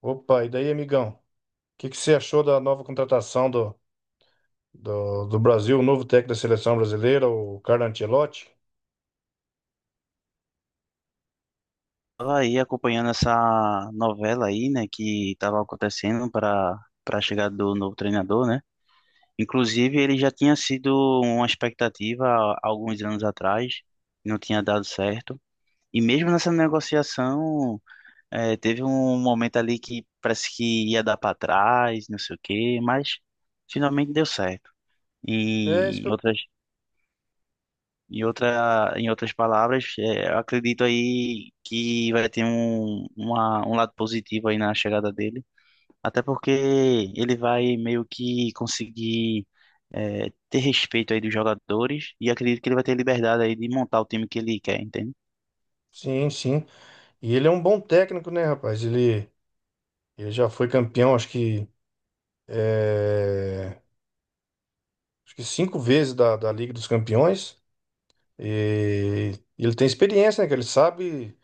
Opa, e daí, amigão? O que que você achou da nova contratação do Brasil, o novo técnico da seleção brasileira, o Carlo Ancelotti? Estava aí acompanhando essa novela aí, né, que estava acontecendo para a chegada do novo treinador, né? Inclusive, ele já tinha sido uma expectativa há alguns anos atrás, não tinha dado certo. E mesmo nessa negociação, teve um momento ali que parece que ia dar para trás, não sei o quê, mas finalmente deu certo. É isso E que eu... outras em outras palavras, é, eu acredito aí que vai ter um lado positivo aí na chegada dele, até porque ele vai meio que conseguir, é, ter respeito aí dos jogadores e acredito que ele vai ter liberdade aí de montar o time que ele quer, entende? Sim, sim. E ele é um bom técnico, né, rapaz? Ele já foi campeão, é, acho que cinco vezes da Liga dos Campeões. E ele tem experiência, né? Que ele sabe,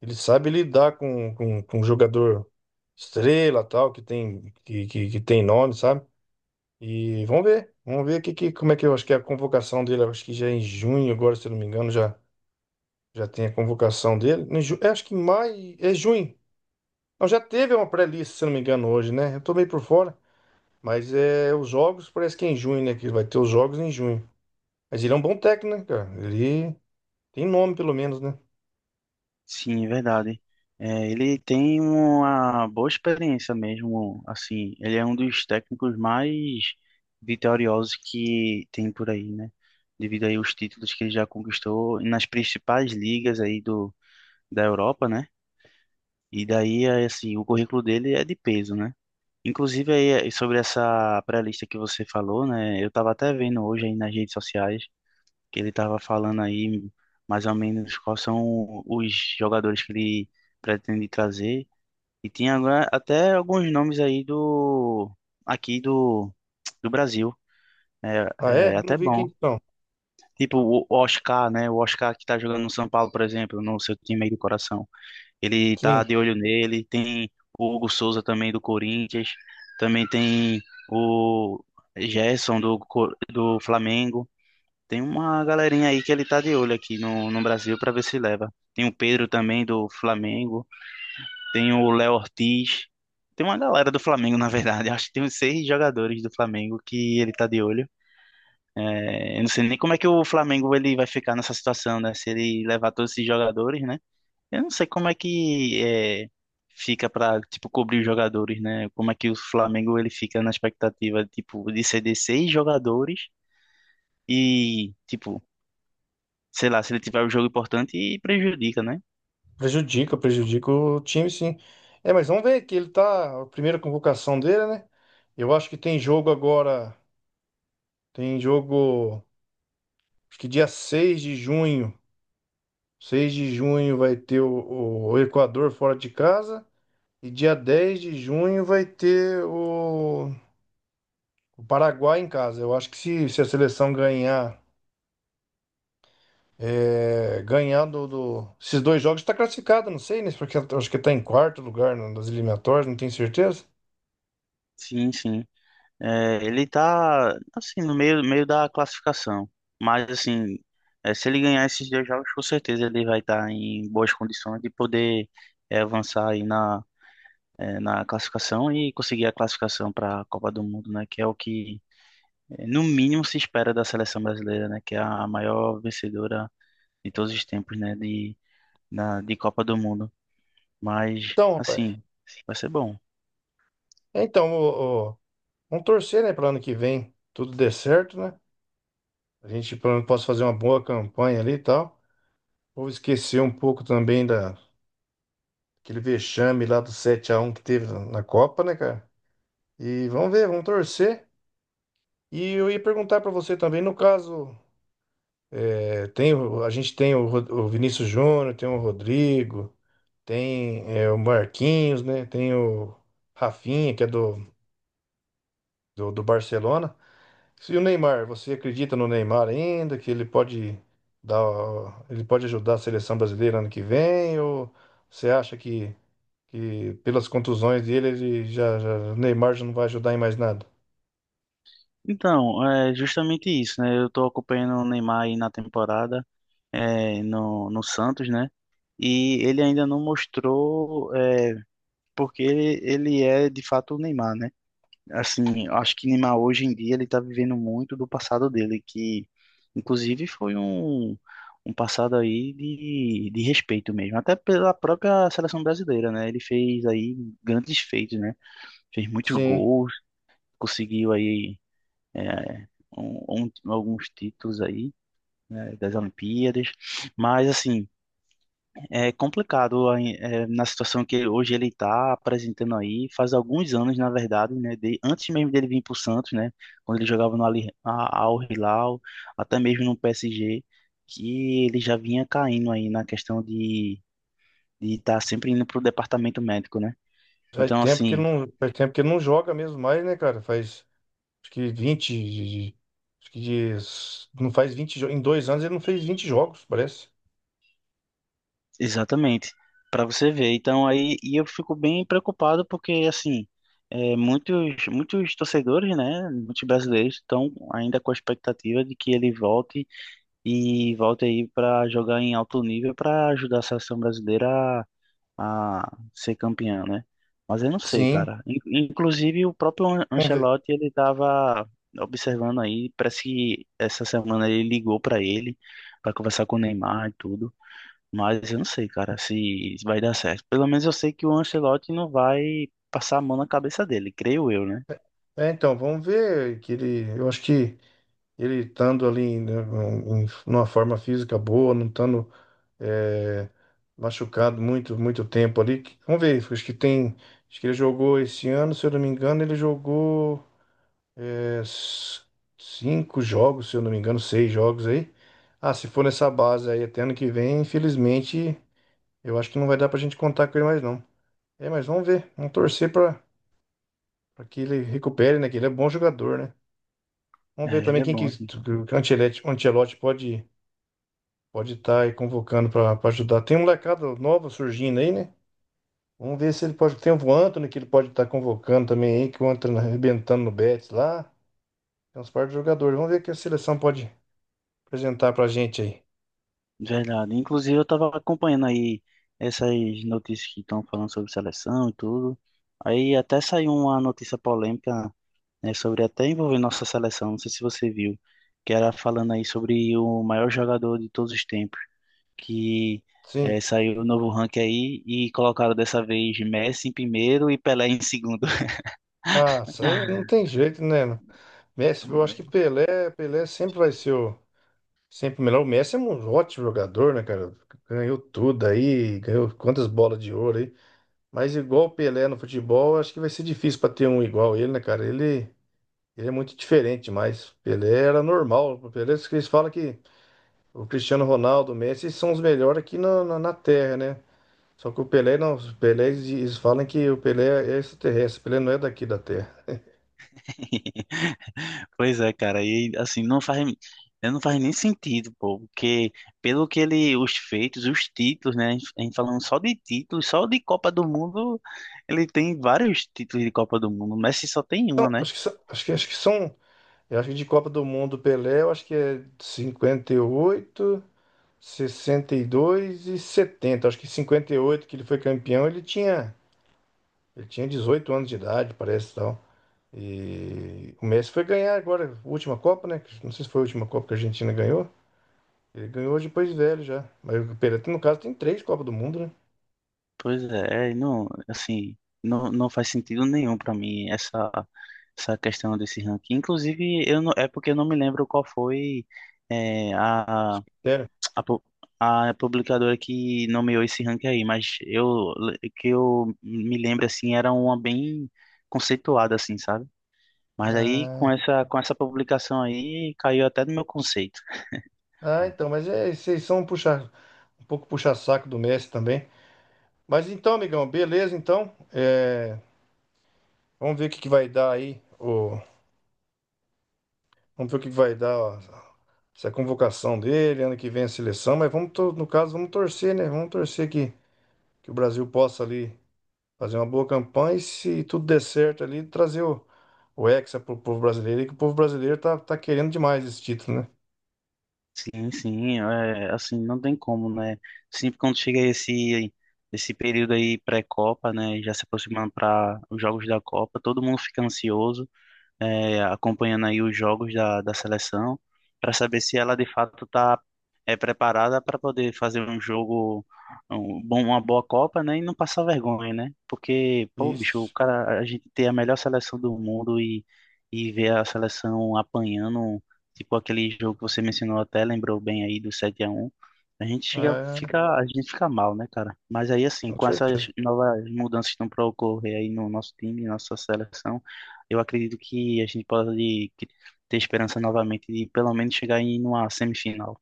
ele sabe lidar com jogador estrela, tal, que tem nome, sabe? E vamos ver como é que eu acho que é a convocação dele. Eu acho que já é em junho, agora, se eu não me engano, já tem a convocação dele. Acho que em maio, é junho. Não, já teve uma pré-lista, se eu não me engano, hoje, né? Eu tô meio por fora, mas é os jogos, parece que é em junho, né? Que vai ter os jogos em junho. Mas ele é um bom técnico, né, cara? Ele tem nome, pelo menos, né? Sim, é verdade. É, ele tem uma boa experiência mesmo, assim, ele é um dos técnicos mais vitoriosos que tem por aí, né? Devido aí aos títulos que ele já conquistou nas principais ligas aí da Europa, né? E daí, é, assim, o currículo dele é de peso, né? Inclusive aí, é, sobre essa pré-lista que você falou, né? Eu tava até vendo hoje aí nas redes sociais que ele estava falando aí mais ou menos quais são os jogadores que ele pretende trazer. E tinha agora até alguns nomes aí aqui do, do Brasil. É, Ah, é? é Eu não até vi bom. quem não. Tipo o Oscar, né? O Oscar que tá jogando no São Paulo, por exemplo, no seu time aí do coração. Ele tá Sim, de olho nele. Tem o Hugo Souza também do Corinthians. Também tem o Gerson do Flamengo. Tem uma galerinha aí que ele tá de olho aqui no Brasil pra ver se leva. Tem o Pedro também do Flamengo, tem o Léo Ortiz, tem uma galera do Flamengo, na verdade. Acho que tem uns seis jogadores do Flamengo que ele tá de olho. É, eu não sei nem como é que o Flamengo ele vai ficar nessa situação, né? Se ele levar todos esses jogadores, né? Eu não sei como é que é, fica pra, tipo, cobrir os jogadores, né? Como é que o Flamengo ele fica na expectativa, tipo, de ceder seis jogadores e, tipo, sei lá, se ele tiver um jogo importante e prejudica, né? prejudica, prejudica o time, sim. É, mas vamos ver que ele tá, a primeira convocação dele, né? Eu acho que tem jogo agora. Tem jogo, acho que dia 6 de junho. 6 de junho vai ter o Equador fora de casa. E dia 10 de junho vai ter o Paraguai em casa. Eu acho que se a seleção ganhar, ganhar esses dois jogos, está classificada, não sei, né? Porque eu acho que está em quarto lugar nas eliminatórias, não tenho certeza. Sim, sim. É, ele tá, assim, no meio da classificação. Mas, assim, é, se ele ganhar esses dois jogos, com certeza ele vai estar em boas condições de poder, é, avançar aí na classificação e conseguir a classificação para a Copa do Mundo, né? Que é o que, é, no mínimo, se espera da seleção brasileira, né? Que é a maior vencedora de todos os tempos, né? De, na, de Copa do Mundo. Mas, Então, rapaz, assim, vai ser bom. Então, vamos torcer, né, para ano que vem tudo dê certo, né? A gente, pelo menos, possa fazer uma boa campanha ali e tal. Vou esquecer um pouco também da aquele vexame lá do 7-1 que teve na Copa, né, cara? E vamos ver, vamos torcer. E eu ia perguntar pra você também, no caso, a gente tem o Vinícius Júnior, tem o Rodrigo, tem o Marquinhos, né? Tem o Rafinha, que é do Barcelona. E o Neymar, você acredita no Neymar ainda, que dar, ele pode ajudar a seleção brasileira ano que vem? Ou você acha que pelas contusões dele, ele já, o Neymar já não vai ajudar em mais nada. Então, é justamente isso, né? Eu tô acompanhando o Neymar aí na temporada, no Santos, né? E ele ainda não mostrou, é, porque ele é de fato o Neymar, né? Assim, eu acho que Neymar hoje em dia ele tá vivendo muito do passado dele, que inclusive foi um passado aí de respeito mesmo, até pela própria seleção brasileira, né? Ele fez aí grandes feitos, né? Fez muitos Sim, gols, conseguiu aí, é, alguns títulos aí, né, das Olimpíadas, mas assim, é complicado aí, é, na situação que hoje ele está apresentando aí, faz alguns anos, na verdade, né, de- antes mesmo dele vir para o Santos, né, quando ele jogava no Al Hilal, até mesmo no PSG, que ele já vinha caindo aí na questão de estar de tá sempre indo para o departamento médico, né? Então, assim, faz tempo que ele não joga mesmo mais, né, cara? Faz acho que 20, de- acho que de- não faz 20 jo- Em 2 anos ele não fez 20 jogos, parece. exatamente, para você ver. Então aí e eu fico bem preocupado porque assim, é, muitos muitos torcedores, né, muitos brasileiros estão ainda com a expectativa de que ele volte e volte aí para jogar em alto nível para ajudar a seleção brasileira a ser campeã, né? Mas eu não sei, Sim, cara. Inclusive o próprio vamos ver. Ancelotti ele estava observando aí, parece que essa semana ele ligou para ele para conversar com o Neymar e tudo. Mas eu não sei, cara, se isso vai dar certo. Pelo menos eu sei que o Ancelotti não vai passar a mão na cabeça dele, creio eu, né? É, então, vamos ver eu acho que ele estando ali né, numa forma física boa, não estando é, machucado muito, muito tempo ali. Vamos ver, acho que tem. Acho que ele jogou esse ano, se eu não me engano, ele jogou é, s- cinco jogos, se eu não me engano, seis jogos aí. Ah, se for nessa base aí até ano que vem, infelizmente, eu acho que não vai dar pra gente contar com ele mais não. É, mas vamos ver, vamos torcer pra que ele recupere, né? Que ele é bom jogador, né? Vamos ver É, também ele é quem que bom, assim. o Ancelotti pode estar aí convocando pra ajudar. Tem um molecada nova surgindo aí, né? Vamos ver se ele pode. Tem o Antony que ele pode estar convocando também aí, que o Antony arrebentando no Betis lá. Tem uns par de jogadores. Vamos ver o que a seleção pode apresentar pra gente aí. Verdade. Inclusive, eu tava acompanhando aí essas notícias que estão falando sobre seleção e tudo. Aí até saiu uma notícia polêmica, né, sobre até envolver nossa seleção, não sei se você viu, que era falando aí sobre o maior jogador de todos os tempos, que Sim. Saiu o novo ranking aí e colocaram dessa vez Messi em primeiro e Pelé em segundo. Ah, isso aí não tem jeito, né? Messi, eu acho que Pelé sempre vai ser o. Sempre o melhor. O Messi é um ótimo jogador, né, cara? Ganhou tudo aí, ganhou quantas bolas de ouro aí. Mas igual o Pelé no futebol, acho que vai ser difícil pra ter um igual ele, né, cara? Ele é muito diferente, mas Pelé era normal. O Pelé, eles falam que. O Cristiano Ronaldo, o Messi são os melhores aqui na Terra, né? Só que o Pelé não. O Pelé, eles falam que o Pelé é extraterrestre. O Pelé não é daqui da Terra. Pois é, cara, e assim, não faz, não faz nem sentido, pô, porque pelo que ele, os feitos, os títulos, né, a gente falando só de títulos, só de Copa do Mundo, ele tem vários títulos de Copa do Mundo, o Messi só tem uma, Então, né? acho que são. Eu acho que de Copa do Mundo, o Pelé, eu acho que é 58, 62 e 70. Acho que 58 que ele foi campeão, ele tinha 18 anos de idade, parece tal. E o Messi foi ganhar agora, a última Copa, né? Não sei se foi a última Copa que a Argentina ganhou. Ele ganhou depois de velho já. Mas o Pereira, no caso, tem três Copas do Mundo, né? Pois é, não, assim, não, não faz sentido nenhum pra mim essa questão desse ranking. Inclusive, eu não, é porque eu não me lembro qual foi, eh, a Isso que Sério. a, pu- a publicadora que nomeou esse ranking aí, mas eu que eu me lembro assim era uma bem conceituada assim, sabe? Mas aí com essa publicação aí caiu até do meu conceito. Ah, então, mas é, vocês são um pouco puxar-saco do Messi também. Mas então, amigão, beleza, então. É, vamos ver o que, que vai dar aí. Vamos ver o que, que vai dar ó, essa convocação dele, ano que vem a seleção. Mas no caso, vamos torcer, né? Vamos torcer que o Brasil possa ali fazer uma boa campanha e, se tudo der certo ali, trazer o Hexa pro povo brasileiro, e que o povo brasileiro tá querendo demais esse título, né? Sim, sim, é, assim não tem como, né? Sempre quando chega esse período aí pré-Copa, né, já se aproximando para os jogos da Copa, todo mundo fica ansioso. É, acompanhando aí os jogos da seleção, para saber se ela de fato está, é, preparada para poder fazer um jogo, um, bom, uma boa Copa, né? E não passar vergonha, né? Porque, pô, bicho, o Isso. cara, a gente tem a melhor seleção do mundo e ver a seleção apanhando, tipo aquele jogo que você mencionou até, lembrou bem aí do 7-1. A gente chega, É, fica, a gente fica mal, né, cara? Mas aí, assim, com com essas certeza. novas mudanças que estão para ocorrer aí no nosso time, nossa seleção, eu acredito que a gente pode ter esperança novamente de pelo menos chegar em uma semifinal.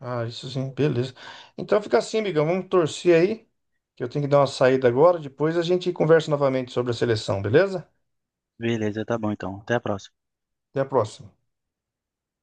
Ah, isso sim, beleza. Então fica assim, amigão. Vamos torcer aí, que eu tenho que dar uma saída agora. Depois a gente conversa novamente sobre a seleção, beleza? Beleza, tá bom então. Até a próxima. Até a próxima.